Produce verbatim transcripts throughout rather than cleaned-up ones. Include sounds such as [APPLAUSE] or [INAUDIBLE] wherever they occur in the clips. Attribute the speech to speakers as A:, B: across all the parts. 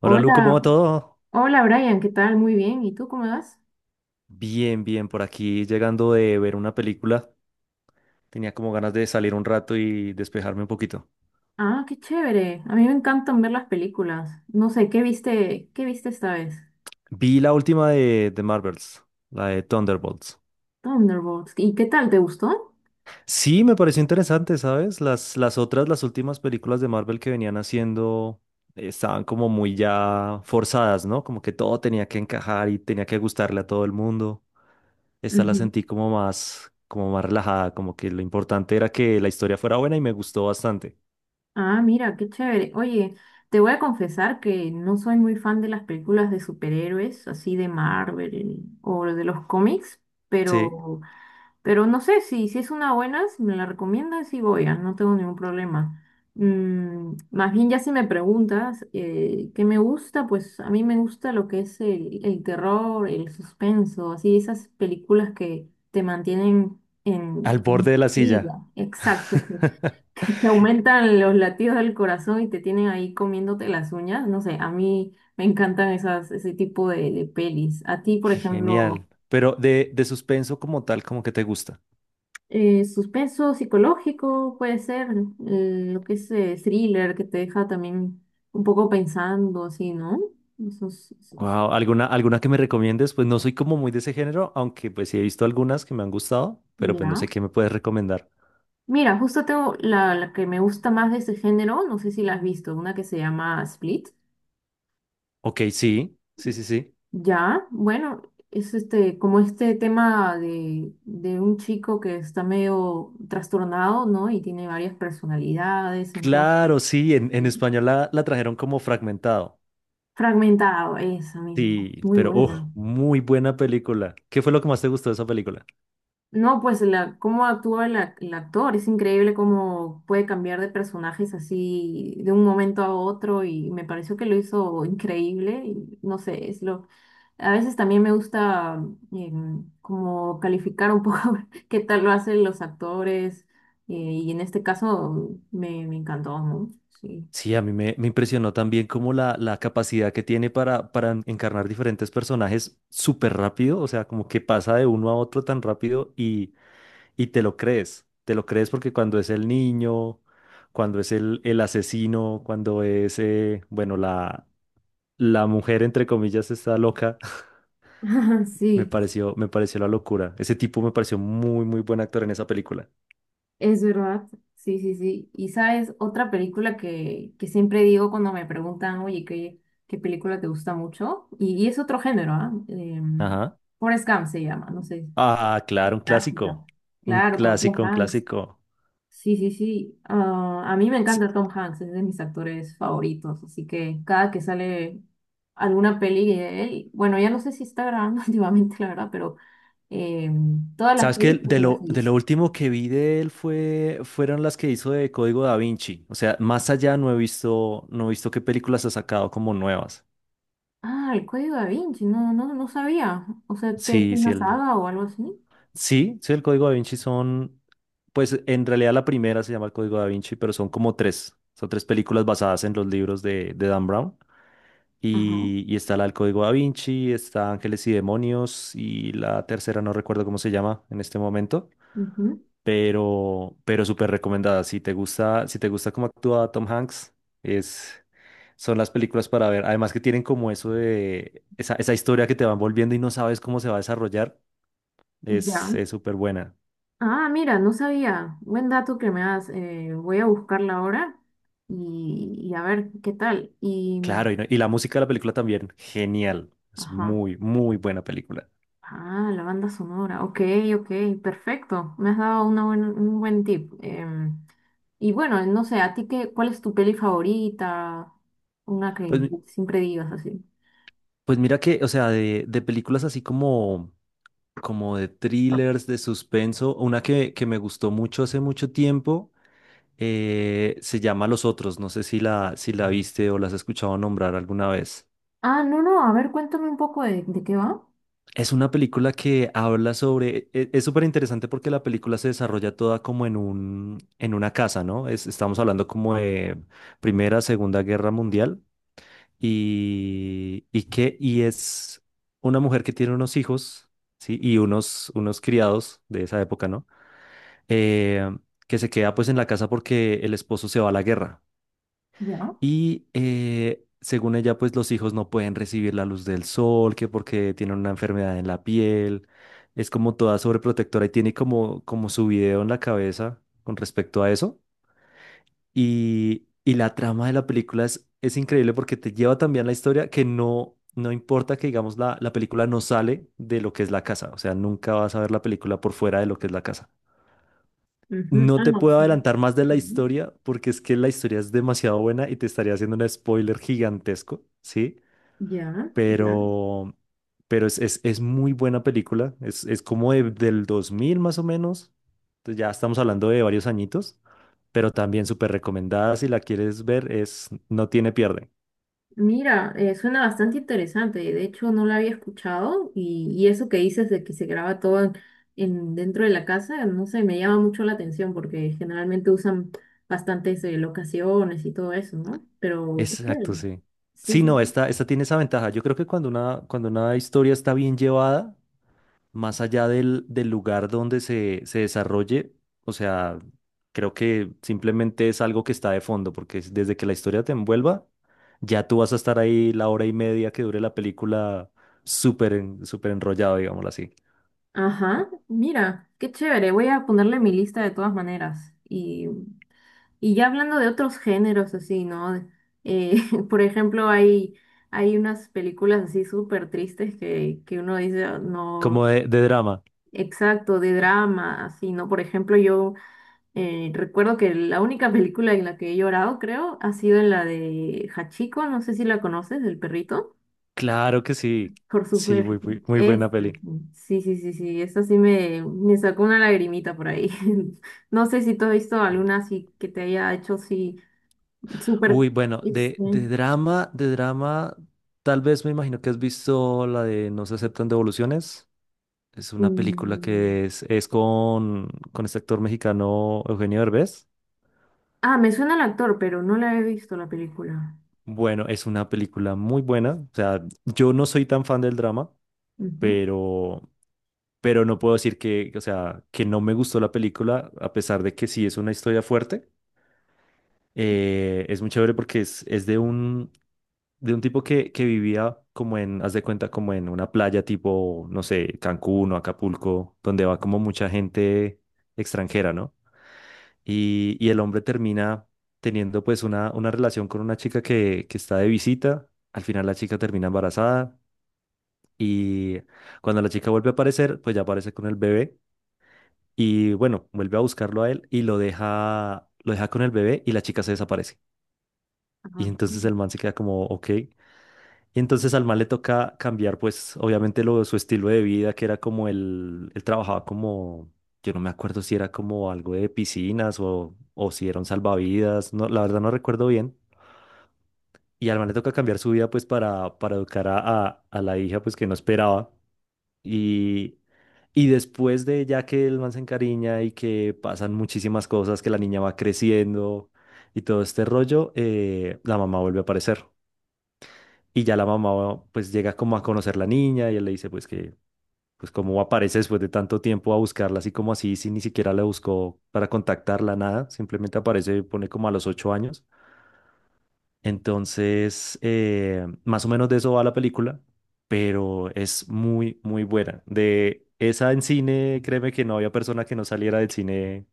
A: Hola Lu, ¿cómo
B: Hola,
A: va todo?
B: hola Brian, ¿qué tal? Muy bien, ¿y tú cómo vas?
A: Bien, bien, por aquí llegando de ver una película. Tenía como ganas de salir un rato y despejarme un poquito.
B: Ah, qué chévere. A mí me encantan ver las películas. No sé, ¿qué viste? ¿Qué viste esta vez?
A: Vi la última de, de Marvels, la de Thunderbolts.
B: Thunderbolts. ¿Y qué tal? ¿Te gustó?
A: Sí, me pareció interesante, ¿sabes? Las, las otras, las últimas películas de Marvel que venían haciendo eh, estaban como muy ya forzadas, ¿no? Como que todo tenía que encajar y tenía que gustarle a todo el mundo. Esta la
B: Ujú.
A: sentí como más, como más relajada, como que lo importante era que la historia fuera buena y me gustó bastante.
B: Ah, mira, qué chévere. Oye, te voy a confesar que no soy muy fan de las películas de superhéroes, así de Marvel o de los cómics,
A: Sí.
B: pero Pero no sé si, si es una buena, si me la recomiendas, sí voy, ah, no tengo ningún problema. Mm, más bien ya si me preguntas eh, qué me gusta, pues a mí me gusta lo que es el, el terror, el suspenso, así esas películas que te mantienen
A: Al
B: en en
A: borde de la
B: intriga,
A: silla.
B: exacto, que, [LAUGHS]
A: [LAUGHS]
B: que te aumentan los latidos del corazón y te tienen ahí comiéndote las uñas, no sé, a mí me encantan esas, ese tipo de, de pelis. A ti, por ejemplo...
A: Genial. Pero de, de suspenso como tal, como que te gusta.
B: Eh, suspenso psicológico puede ser, eh, lo que es eh, thriller, que te deja también un poco pensando, así, ¿no? Eso es- eso es-
A: Wow, ¿alguna, alguna que me recomiendes? Pues no soy como muy de ese género, aunque pues sí he visto algunas que me han gustado, pero pues no
B: ya.
A: sé qué me puedes recomendar.
B: Mira, justo tengo la, la que me gusta más de este género, no sé si la has visto, una que se llama Split.
A: Ok, sí, sí, sí, sí.
B: Ya, bueno, es este, como este tema de, de un chico que está medio trastornado, ¿no? Y tiene varias personalidades, entonces,
A: Claro, sí, en, en
B: sí,
A: español la, la trajeron como fragmentado.
B: fragmentado, eso mismo,
A: Sí,
B: muy
A: pero
B: buena.
A: oh, muy buena película. ¿Qué fue lo que más te gustó de esa película?
B: No, pues la, cómo actúa el, ac- el actor, es increíble cómo puede cambiar de personajes así de un momento a otro y me pareció que lo hizo increíble y no sé, es lo... A veces también me gusta em, como calificar un poco [LAUGHS] qué tal lo hacen los actores eh, y en este caso me, me encantó, ¿no? Sí.
A: Sí, a mí me, me impresionó también como la, la capacidad que tiene para, para en- encarnar diferentes personajes súper rápido, o sea, como que pasa de uno a otro tan rápido y, y te lo crees, te lo crees porque cuando es el niño, cuando es el, el asesino, cuando es, eh, bueno, la, la mujer, entre comillas, está loca, [LAUGHS]
B: [LAUGHS]
A: me
B: Sí.
A: pareció, me pareció la locura. Ese tipo me pareció muy, muy buen actor en esa película.
B: Es verdad, sí, sí, sí. Y sabes, otra película que, que siempre digo cuando me preguntan, oye, ¿qué, qué película te gusta mucho? Y, y es otro género, ¿ah? Em,
A: Ajá.
B: Forrest Gump se llama, no sé,
A: Ah, claro, un
B: clásica.
A: clásico, un
B: Claro, con Tom
A: clásico, un
B: Hanks.
A: clásico.
B: Sí, sí, sí. Ah, a mí me encanta Tom Hanks, es de mis actores favoritos, así que cada que sale alguna peli de él, bueno, ya no sé si está grabando [LAUGHS] últimamente, la verdad, pero em, todas las
A: Sabes que
B: películas
A: de
B: que lo
A: lo, de lo
B: seguís.
A: último que vi de él fue, fueron las que hizo de Código Da Vinci. O sea, más allá no he visto, no he visto qué películas ha sacado como nuevas.
B: Ah, el código de Vinci, no, no, no sabía. O sea, que es
A: Sí, sí,
B: una
A: el,
B: saga o algo así.
A: sí, sí, el Código Da Vinci son, pues en realidad la primera se llama el Código Da Vinci, pero son como tres. Son tres películas basadas en los libros de, de Dan Brown.
B: Ajá.
A: Y, y está la del Código Da Vinci, está Ángeles y Demonios y la tercera no recuerdo cómo se llama en este momento.
B: Ujú,
A: pero, pero súper recomendada. Si te gusta, si te gusta cómo actúa Tom Hanks, es, son las películas para ver. Además que tienen como eso de esa, esa historia que te van volviendo y no sabes cómo se va a desarrollar, es,
B: ya.
A: es súper buena.
B: Ah, mira, no sabía. Buen dato que me das. eh, voy a buscarla ahora y, y a ver qué tal. Y,
A: Claro, y, no- y la música de la película también, genial. Es
B: ajá.
A: muy, muy buena película.
B: Ah, la banda sonora. Ok, ok, perfecto. Me has dado una buen- un buen tip. Em, y bueno, no sé, ¿a ti qué, cuál es tu peli favorita? Una
A: Pues,
B: que
A: mi-
B: siempre digas así.
A: pues mira que, o sea, de, de películas así como, como de thrillers, de suspenso, una que, que me gustó mucho hace mucho tiempo eh, se llama Los Otros, no sé si la, si la viste o la has escuchado nombrar alguna vez.
B: Ah, no, no, a ver, cuéntame un poco de, de qué va.
A: Es una película que habla sobre, e- es súper interesante porque la película se desarrolla toda como en un, en una casa, ¿no? Es- estamos hablando como de Primera, Segunda Guerra Mundial y, y que, y es una mujer que tiene unos hijos, ¿sí? Y unos, unos criados de esa época, ¿no? Eh, que se queda pues en la casa porque el esposo se va a la guerra.
B: Ya.
A: Y eh, según ella, pues los hijos no pueden recibir la luz del sol, que porque tienen una enfermedad en la piel. Es como toda sobreprotectora y tiene como, como su video en la cabeza con respecto a eso. Y, y la trama de la película es, es increíble porque te lleva también la historia que no, no importa que, digamos, la, la película no sale de lo que es la casa. O sea, nunca vas a ver la película por fuera de lo que es la casa.
B: Ujú.
A: No
B: Ah,
A: te
B: no,
A: puedo
B: sí.
A: adelantar más de la
B: Ujú.
A: historia porque es que la historia es demasiado buena y te estaría haciendo un spoiler gigantesco, ¿sí?
B: Ya, ya.
A: Pero, pero es, es, es muy buena película, es, es como de- del dos mil más o menos, entonces ya estamos hablando de varios añitos, pero también súper recomendada si la quieres ver, es no tiene pierde.
B: Mira, eh, suena bastante interesante. De hecho, no la había escuchado y, y eso que dices de que se graba todo en, en- dentro de la casa, no sé, me llama mucho la atención porque generalmente usan bastantes eh, locaciones y todo eso, ¿no? Pero, qué
A: Exacto,
B: chévere.
A: sí.
B: Sí,
A: Sí, no,
B: sí.
A: esta, esta tiene esa ventaja. Yo creo que cuando una, cuando una historia está bien llevada, más allá del, del lugar donde se, se desarrolle, o sea, creo que simplemente es algo que está de fondo, porque es- desde que la historia te envuelva, ya tú vas a estar ahí la hora y media que dure la película súper en- súper enrollado, digámoslo así.
B: Ajá, mira, qué chévere. Voy a ponerle en mi lista de todas maneras y Y ya hablando de otros géneros así, ¿no? Eh, [LAUGHS] por ejemplo, hay, hay unas películas así súper tristes que, que uno dice, "Ah, no,
A: Como de, de drama.
B: exacto, de drama, así, ¿no?" Por ejemplo, yo eh, recuerdo que la única [LAUGHS] película en la que he llorado, creo, ha sido en la de Hachiko, no sé si la conoces, del perrito.
A: Claro que sí.
B: Por
A: Sí,
B: supuesto.
A: muy, muy, muy
B: Es,
A: buena peli.
B: sí, sí, sí, sí, esa sí me, me sacó una lagrimita por ahí. [LAUGHS] No sé si tú has visto alguna así que te haya hecho así súper,
A: Uy, bueno, de,
B: este,
A: de drama, de drama, tal vez me imagino que has visto la de No se aceptan devoluciones. Es una película
B: mm,
A: que es, es con, con este actor mexicano Eugenio Derbez.
B: ah, me suena el actor, pero no la he visto la película.
A: Bueno, es una película muy buena. O sea, yo no soy tan fan del drama,
B: Ujú,
A: pero, pero no puedo decir que, o sea, que no me gustó la película, a pesar de que sí es una historia fuerte. Eh, es muy chévere porque es, es de un, de un tipo que, que vivía como en, haz de cuenta, como en una playa tipo, no sé, Cancún o Acapulco, donde va como mucha gente extranjera, ¿no? Y, y el hombre termina teniendo pues una, una relación con una chica que, que está de visita. Al final la chica termina embarazada y cuando la chica vuelve a aparecer, pues ya aparece con el bebé y bueno, vuelve a buscarlo a él y lo deja, lo deja con el bebé y la chica se desaparece. Y
B: ajá.
A: entonces el man se queda como, ok. Y entonces al man le toca cambiar, pues, obviamente lo, su estilo de vida, que era como el, él trabajaba como, yo no me acuerdo si era como algo de piscinas o, o si era un salvavidas, no, la verdad no recuerdo bien. Y al man le toca cambiar su vida, pues, para, para educar a, a, a la hija, pues, que no esperaba. Y, y después de ya que el man se encariña y que pasan muchísimas cosas, que la niña va creciendo y todo este rollo, eh, la mamá vuelve a aparecer. Y ya la mamá pues llega como a conocer la niña y él le dice pues que pues cómo aparece después de tanto tiempo a buscarla así como así, si ni siquiera la buscó para contactarla, nada, simplemente aparece, pone como a los ocho años. Entonces, eh, más o menos de eso va la película, pero es muy, muy buena. De esa en cine, créeme que no había persona que no saliera del cine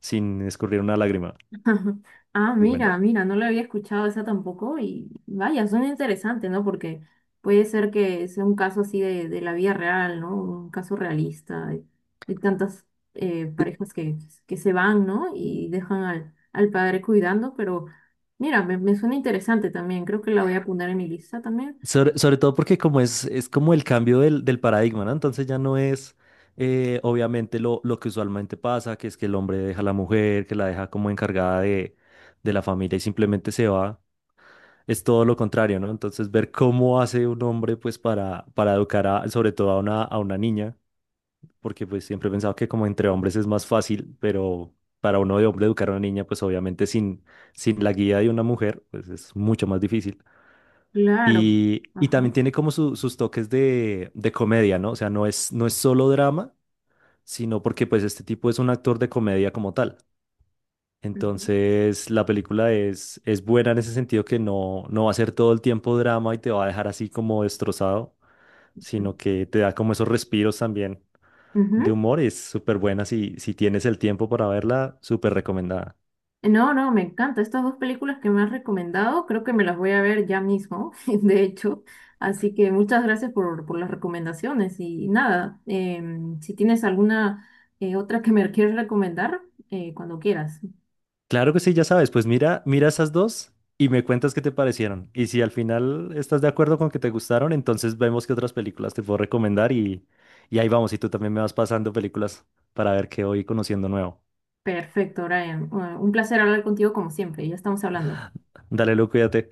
A: sin escurrir una lágrima.
B: [LAUGHS] Ah,
A: Muy buena.
B: mira, mira, no la había escuchado esa tampoco y vaya, suena interesante, ¿no? Porque puede ser que sea un caso así de, de la vida real, ¿no? Un caso realista de, de tantas eh, parejas que, que se van, ¿no? Y dejan al, al padre cuidando, pero mira, me, me suena interesante también, creo que la voy a poner en mi lista también.
A: Sobre, sobre todo porque como es, es como el cambio del, del paradigma, ¿no? Entonces ya no es eh, obviamente lo, lo que usualmente pasa, que es que el hombre deja a la mujer, que la deja como encargada de, de la familia y simplemente se va. Es todo lo contrario, ¿no? Entonces ver cómo hace un hombre pues para, para educar a, sobre todo a una, a una niña, porque pues siempre he pensado que como entre hombres es más fácil, pero para uno de hombre educar a una niña pues obviamente sin, sin la guía de una mujer pues es mucho más difícil.
B: Claro.
A: Y, y
B: Ajá.
A: también tiene como su- sus toques de, de comedia, ¿no? O sea, no es, no es solo drama, sino porque pues este tipo es un actor de comedia como tal.
B: Ujú,
A: Entonces, la película es, es buena en ese sentido que no, no va a ser todo el tiempo drama y te va a dejar así como destrozado,
B: ujú.
A: sino que te da como esos respiros también de
B: Ujú.
A: humor. Y es súper buena si, si tienes el tiempo para verla, súper recomendada.
B: No, no, me encanta. Estas dos películas que me has recomendado, creo que me las voy a ver ya mismo, [LAUGHS] de hecho. Así que muchas gracias por, por las recomendaciones. Y nada, em, si tienes alguna eh, otra que me quieres recomendar, eh, cuando quieras.
A: Claro que sí, ya sabes, pues mira, mira esas dos y me cuentas qué te parecieron. Y si al final estás de acuerdo con que te gustaron, entonces vemos qué otras películas te puedo recomendar y, y ahí vamos, y tú también me vas pasando películas para ver qué voy conociendo nuevo.
B: Perfecto, Brian. Bueno, un placer hablar contigo como siempre. Ya estamos hablando.
A: Dale, Lu, cuídate.